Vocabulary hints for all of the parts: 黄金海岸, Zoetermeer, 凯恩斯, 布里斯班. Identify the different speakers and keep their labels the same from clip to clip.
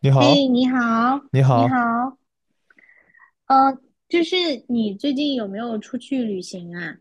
Speaker 1: 你
Speaker 2: 嘿，
Speaker 1: 好，
Speaker 2: 你好，
Speaker 1: 你
Speaker 2: 你
Speaker 1: 好，
Speaker 2: 好。呃，就是你最近有没有出去旅行啊？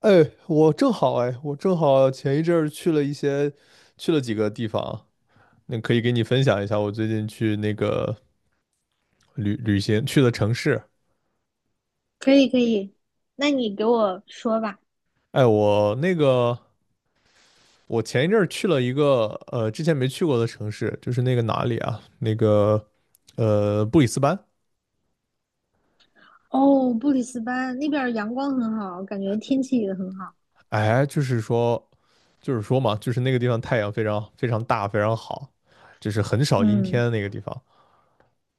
Speaker 1: 哎，我正好前一阵儿去了几个地方，那可以给你分享一下我最近去那个旅行去的城市。
Speaker 2: 可以，可以，那你给我说吧。
Speaker 1: 哎，我那个我前一阵儿去了一个之前没去过的城市，就是那个哪里啊？那个布里斯班。
Speaker 2: 哦，布里斯班那边儿阳光很好，感觉天气也很好。
Speaker 1: 哎，就是说嘛，就是那个地方太阳非常非常大，非常好，就是很少阴天
Speaker 2: 嗯。
Speaker 1: 的那个地方。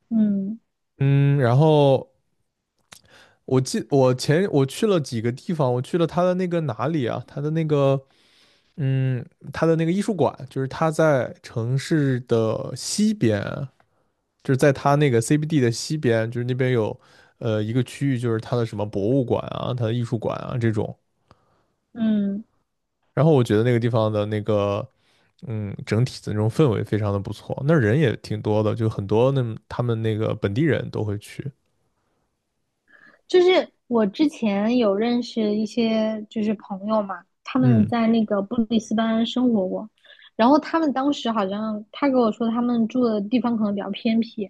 Speaker 2: 嗯。
Speaker 1: 嗯，然后我记我前我去了几个地方，我去了他的那个哪里啊？嗯，他的那个艺术馆，就是他在城市的西边，就是在他那个 CBD 的西边，就是那边有一个区域，就是他的什么博物馆啊，他的艺术馆啊这种。
Speaker 2: 嗯，
Speaker 1: 然后我觉得那个地方的那个整体的那种氛围非常的不错，那儿人也挺多的，就很多那他们那个本地人都会去。
Speaker 2: 就是我之前有认识一些就是朋友嘛，他们
Speaker 1: 嗯
Speaker 2: 在那个布里斯班生活过，然后他们当时好像他给我说他们住的地方可能比较偏僻，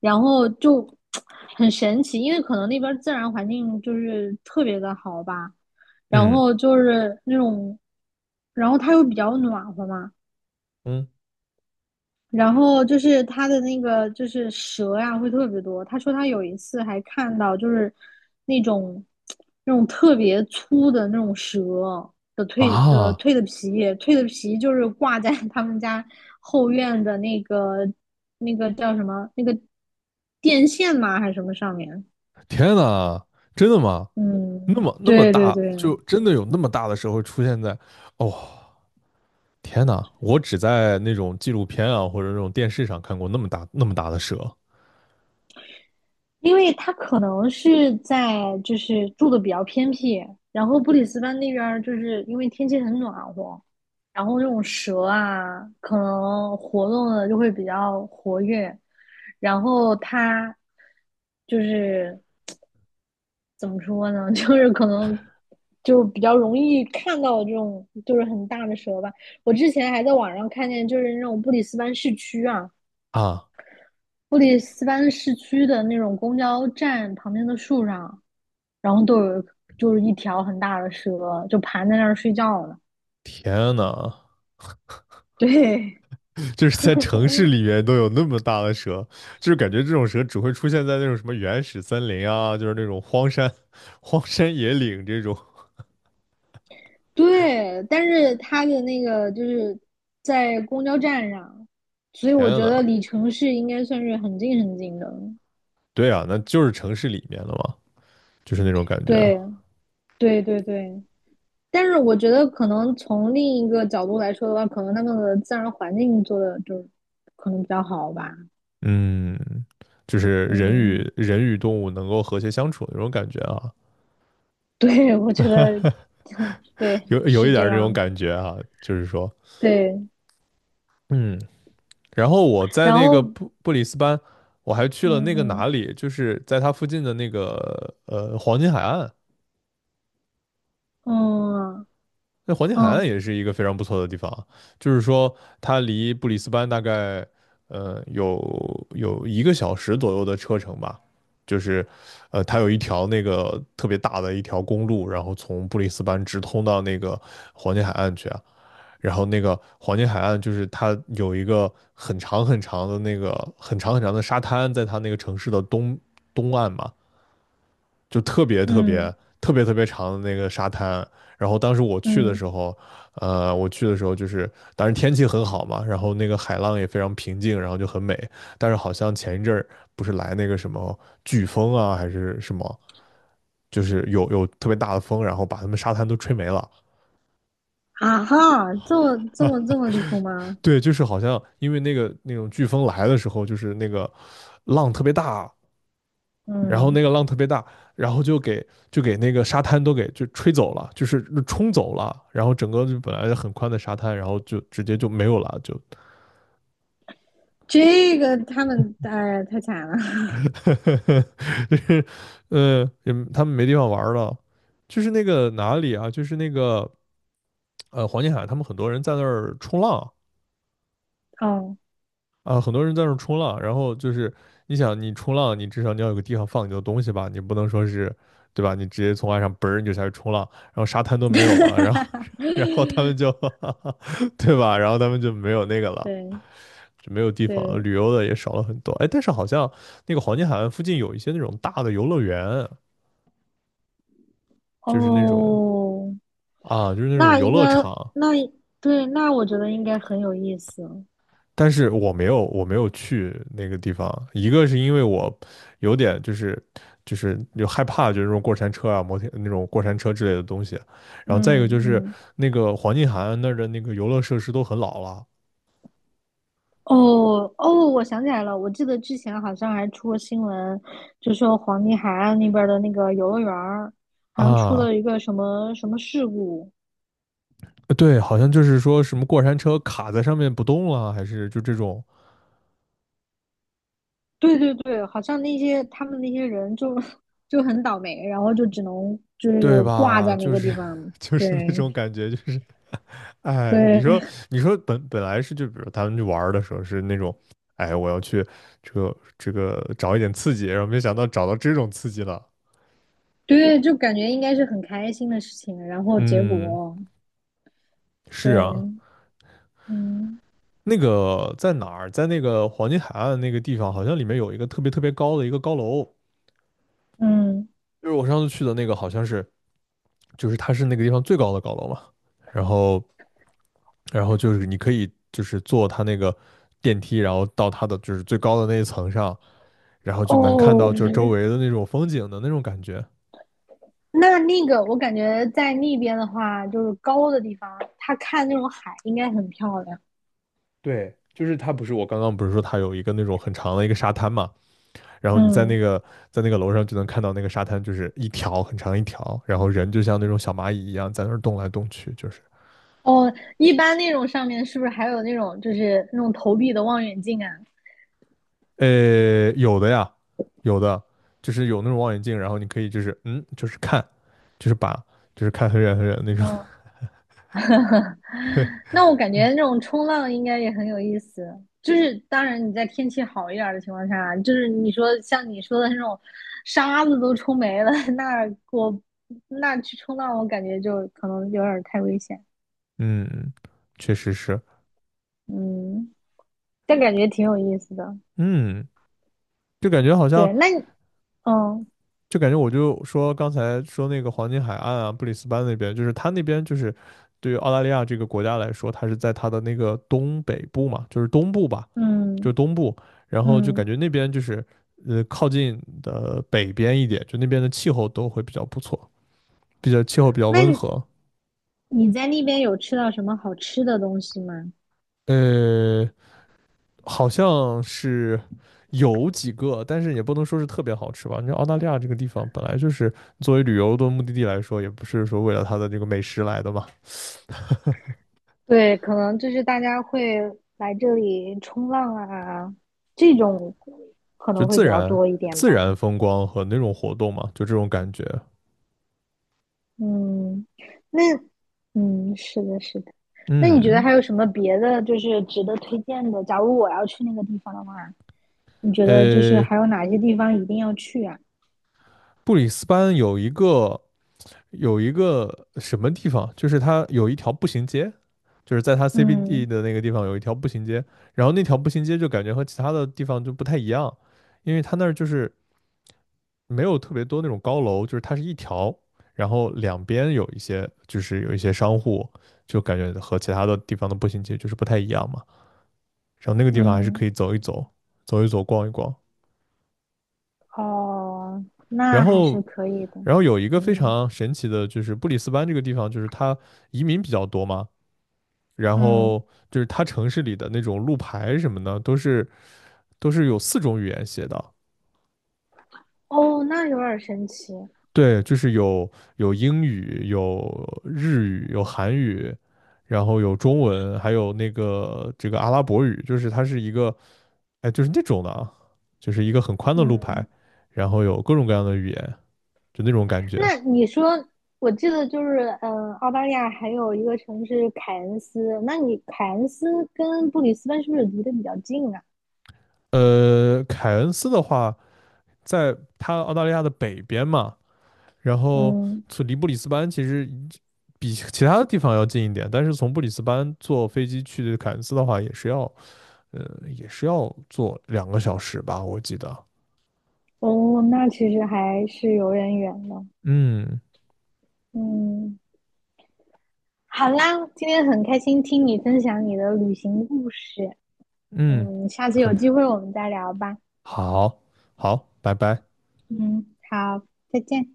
Speaker 2: 然后就 很神奇，因为可能那边自然环境就是特别的好吧，然
Speaker 1: 嗯
Speaker 2: 后就是那种，然后它又比较暖和嘛，
Speaker 1: 嗯
Speaker 2: 然后就是他的那个就是蛇呀，会特别多。他说他有一次还看到就是那种那种特别粗的那种蛇的蜕的
Speaker 1: 啊！
Speaker 2: 蜕的皮，蜕的皮就是挂在 他们家后院的那个那个叫什么那个电线吗还是什么上面？
Speaker 1: 天呐，真的吗？那
Speaker 2: 嗯，
Speaker 1: 么那么
Speaker 2: 对对
Speaker 1: 大，
Speaker 2: 对。
Speaker 1: 就真的有那么大的时候出现在，哦天哪！我只在那种纪录片啊或者那种电视上看过那么大那么大的蛇
Speaker 2: 因为他可能是在就是住的比较偏僻，然后布里斯班那边儿就是因为天气很暖和，然后那种蛇啊，可能活动的就会比较活跃，然后它就是怎么说呢，就是可能就比较容易看到这种就是很大的蛇吧。我之前还在网上看见，就是那种布里斯班市区啊，
Speaker 1: 啊！
Speaker 2: 布里斯班市区的那种公交站旁边的树上。然后都有就是一条很大的蛇，就盘在那儿睡觉呢。
Speaker 1: 天哪，
Speaker 2: 对。
Speaker 1: 就是在 城市里面都有那么大的蛇，就是感觉这种蛇只会出现在那种什么原始森林啊，就是那种荒山、荒山野岭这种。
Speaker 2: 对，但是它的那个就是在公交站上，所以我
Speaker 1: 天
Speaker 2: 觉得
Speaker 1: 哪，
Speaker 2: 离城市应该算是很近很近的。
Speaker 1: 对啊，那就是城市里面的嘛，就是那种感觉啊，
Speaker 2: 对，对，对，对。但是我觉得可能从另一个角度来说的话，可能那个自然环境做的就是可能比较好吧。
Speaker 1: 嗯，就是人
Speaker 2: 嗯，
Speaker 1: 与人与动物能够和谐相处的那种感觉啊。
Speaker 2: 对，我觉得 对
Speaker 1: 有
Speaker 2: 是
Speaker 1: 一
Speaker 2: 这
Speaker 1: 点这种
Speaker 2: 样。
Speaker 1: 感觉哈、就是说，
Speaker 2: 对。
Speaker 1: 嗯，然后我在
Speaker 2: 然
Speaker 1: 那个
Speaker 2: 后。
Speaker 1: 布里斯班，我还去了那个
Speaker 2: 嗯嗯。
Speaker 1: 哪里，就是在它附近的那个黄金海岸，
Speaker 2: 哦。
Speaker 1: 那黄金海
Speaker 2: 哦。
Speaker 1: 岸也是一个非常不错的地方啊就是说它离布里斯班大概有一个小时左右的车程吧，就是它有一条那个特别大的一条公路，然后从布里斯班直通到那个黄金海岸去啊，然后那个黄金海岸就是它有一个很长很长的沙滩，在它那个城市的东岸嘛，就特别特别
Speaker 2: 嗯
Speaker 1: 特别特别长的那个沙滩。然后当时我去的
Speaker 2: 嗯。
Speaker 1: 时候，我去的时候就是，当时天气很好嘛，然后那个海浪也非常平静，然后就很美。但是好像前一阵儿不是来那个什么飓风啊，还是什么，就是有特别大的风，然后把他们沙滩都吹没了。
Speaker 2: 啊哈，这么离谱吗？
Speaker 1: 对，就是好像因为那种飓风来的时候，就是那个浪特别大，然后那
Speaker 2: 嗯，
Speaker 1: 个浪特别大，然后就给那个沙滩都给就吹走了，就是冲走了，然后整个就本来很宽的沙滩，然后就直接就没有了，就，
Speaker 2: 这个他们哎太惨了。
Speaker 1: 就是也他们没地方玩了，就是那个哪里啊，就是那个黄金海岸，他们很多人在那儿冲浪，
Speaker 2: 哦。
Speaker 1: 啊，很多人在那儿冲浪，然后就是你想，你冲浪，你至少要有个地方放你的东西吧，你不能说是，对吧？你直接从岸上嘣儿你就下去冲浪，然后沙滩都没 有了，然后 然后他们就 对吧？然后他们就没有那个了，
Speaker 2: 对
Speaker 1: 就没有地方了
Speaker 2: 对。
Speaker 1: 旅游的也少了很多。哎，但是好像那个黄金海岸附近有一些那种大的游乐园，就是那种
Speaker 2: 哦，
Speaker 1: 啊，就是那种
Speaker 2: 那
Speaker 1: 游
Speaker 2: 应该
Speaker 1: 乐场，
Speaker 2: 那对，那我觉得应该很有意思。
Speaker 1: 但是我没有去那个地方。一个是因为我有点就是有害怕，就是那种过山车啊、摩天那种过山车之类的东西。然后再一个就
Speaker 2: 嗯
Speaker 1: 是
Speaker 2: 嗯。
Speaker 1: 那个黄金海岸那儿的那个游乐设施都很老了
Speaker 2: 哦哦，我想起来了，我记得之前好像还出过新闻，就说黄金海岸那边儿的那个游乐园儿，好像出
Speaker 1: 啊，
Speaker 2: 了一个什么什么事故。
Speaker 1: 对，好像就是说什么过山车卡在上面不动了，还是就这种，
Speaker 2: 对对对，好像那些他们那些人就 就很倒霉，然后就只能就
Speaker 1: 对
Speaker 2: 是挂
Speaker 1: 吧？
Speaker 2: 在那
Speaker 1: 就
Speaker 2: 个地
Speaker 1: 是
Speaker 2: 方。
Speaker 1: 就是那种
Speaker 2: 对
Speaker 1: 感觉，就是哎，你说，
Speaker 2: 对
Speaker 1: 你说本来是就比如他们去玩儿的时候是那种，哎，我要去这个找一点刺激，然后没想到找到这种刺激了。
Speaker 2: 对，就感觉应该是很开心的事情，然后结
Speaker 1: 嗯，
Speaker 2: 果
Speaker 1: 是啊，
Speaker 2: 对。嗯
Speaker 1: 那个在哪儿，在那个黄金海岸那个地方，好像里面有一个特别特别高的一个高楼，
Speaker 2: 嗯。
Speaker 1: 就是我上次去的那个，好像是就是它是那个地方最高的高楼嘛。然后然后就是你可以就是坐它那个电梯，然后到它的就是最高的那一层上，然后就能看
Speaker 2: 哦，
Speaker 1: 到就是周围的那种风景的那种感觉。
Speaker 2: 那那个我感觉在那边的话，就是高的地方，他看那种海应该很漂亮。
Speaker 1: 对，就是它不是我刚刚不是说它有一个那种很长的一个沙滩嘛，然后你在那
Speaker 2: 嗯。
Speaker 1: 个在那个楼上就能看到那个沙滩，就是一条很长一条，然后人就像那种小蚂蚁一样在那儿动来动去，就是
Speaker 2: 哦，一般那种上面是不是还有那种就是那种投币的望远镜啊？
Speaker 1: 呃有的呀，有的就是有那种望远镜，然后你可以就是就是看，就是把就是看很远很远的那种，
Speaker 2: 嗯。那我感觉那种冲浪应该也很有意思。就是当然你在天气好一点儿的情况下，就是你说像你说的那种沙子都冲没了，那我那去冲浪，我感觉就可能有点儿太危险。
Speaker 1: 嗯，确实是，
Speaker 2: 嗯，但感觉挺有意思的。
Speaker 1: 嗯，就感觉好像，
Speaker 2: 对，那你哦。
Speaker 1: 就感觉我就说刚才说那个黄金海岸啊，布里斯班那边，就是他那边就是对于澳大利亚这个国家来说，它是在它的那个东北部嘛，就是东部吧，就是
Speaker 2: 嗯
Speaker 1: 东部，然后就感
Speaker 2: 嗯，
Speaker 1: 觉那边就是靠近的北边一点，就那边的气候都会比较不错，气候比较温
Speaker 2: 那
Speaker 1: 和，
Speaker 2: 你在那边有吃到什么好吃的东西吗？
Speaker 1: 呃，好像是有几个，但是也不能说是特别好吃吧。你知道澳大利亚这个地方本来就是作为旅游的目的地来说，也不是说为了它的这个美食来的嘛，
Speaker 2: 对，可能就是大家会来这里冲浪啊，这种可
Speaker 1: 就
Speaker 2: 能会
Speaker 1: 自
Speaker 2: 比较
Speaker 1: 然
Speaker 2: 多一点
Speaker 1: 自
Speaker 2: 吧。
Speaker 1: 然风光和那种活动嘛，就这种感觉。
Speaker 2: 嗯，那嗯，是的，是的。那你觉得
Speaker 1: 嗯，
Speaker 2: 还有什么别的就是值得推荐的？假如我要去那个地方的话，你觉得就是
Speaker 1: 呃，
Speaker 2: 还有哪些地方一定要去啊？
Speaker 1: 布里斯班有一个什么地方，就是它有一条步行街，就是在它 CBD
Speaker 2: 嗯
Speaker 1: 的那个地方有一条步行街，然后那条步行街就感觉和其他的地方就不太一样，因为它那儿就是没有特别多那种高楼，就是它是一条，然后两边有一些商户，就感觉和其他的地方的步行街就是不太一样嘛。然后那个地方还是
Speaker 2: 嗯。
Speaker 1: 可以走一走，逛一逛。
Speaker 2: 哦，
Speaker 1: 然
Speaker 2: 那还
Speaker 1: 后，
Speaker 2: 是可以的。
Speaker 1: 然后有一个非
Speaker 2: 嗯。
Speaker 1: 常神奇的，就是布里斯班这个地方，就是它移民比较多嘛，然
Speaker 2: 嗯。
Speaker 1: 后就是它城市里的那种路牌什么的，都是有四种语言写的。
Speaker 2: 哦，那有点神奇。
Speaker 1: 对，就是有英语，有韩语，然后有中文，还有这个阿拉伯语，就是它是一个，哎，就是那种的啊，就是一个很宽的路牌，
Speaker 2: 嗯，
Speaker 1: 然后有各种各样的语言，就那种感觉。
Speaker 2: 那你说，我记得就是，嗯，澳大利亚还有一个城市凯恩斯，那你凯恩斯跟布里斯班是不是离得比较近啊？
Speaker 1: 凯恩斯的话，在它澳大利亚的北边嘛，然后
Speaker 2: 嗯。
Speaker 1: 离布里斯班其实比其他的地方要近一点，但是从布里斯班坐飞机去凯恩斯的话，也是要坐两个小时吧，我记得。
Speaker 2: 哦，那其实还是有点远的。
Speaker 1: 嗯
Speaker 2: 嗯。好啦，今天很开心听你分享你的旅行故事。
Speaker 1: 嗯，
Speaker 2: 嗯，下次有
Speaker 1: 很开。
Speaker 2: 机会我们再聊吧。
Speaker 1: 好，好，拜拜。
Speaker 2: 嗯，好，再见。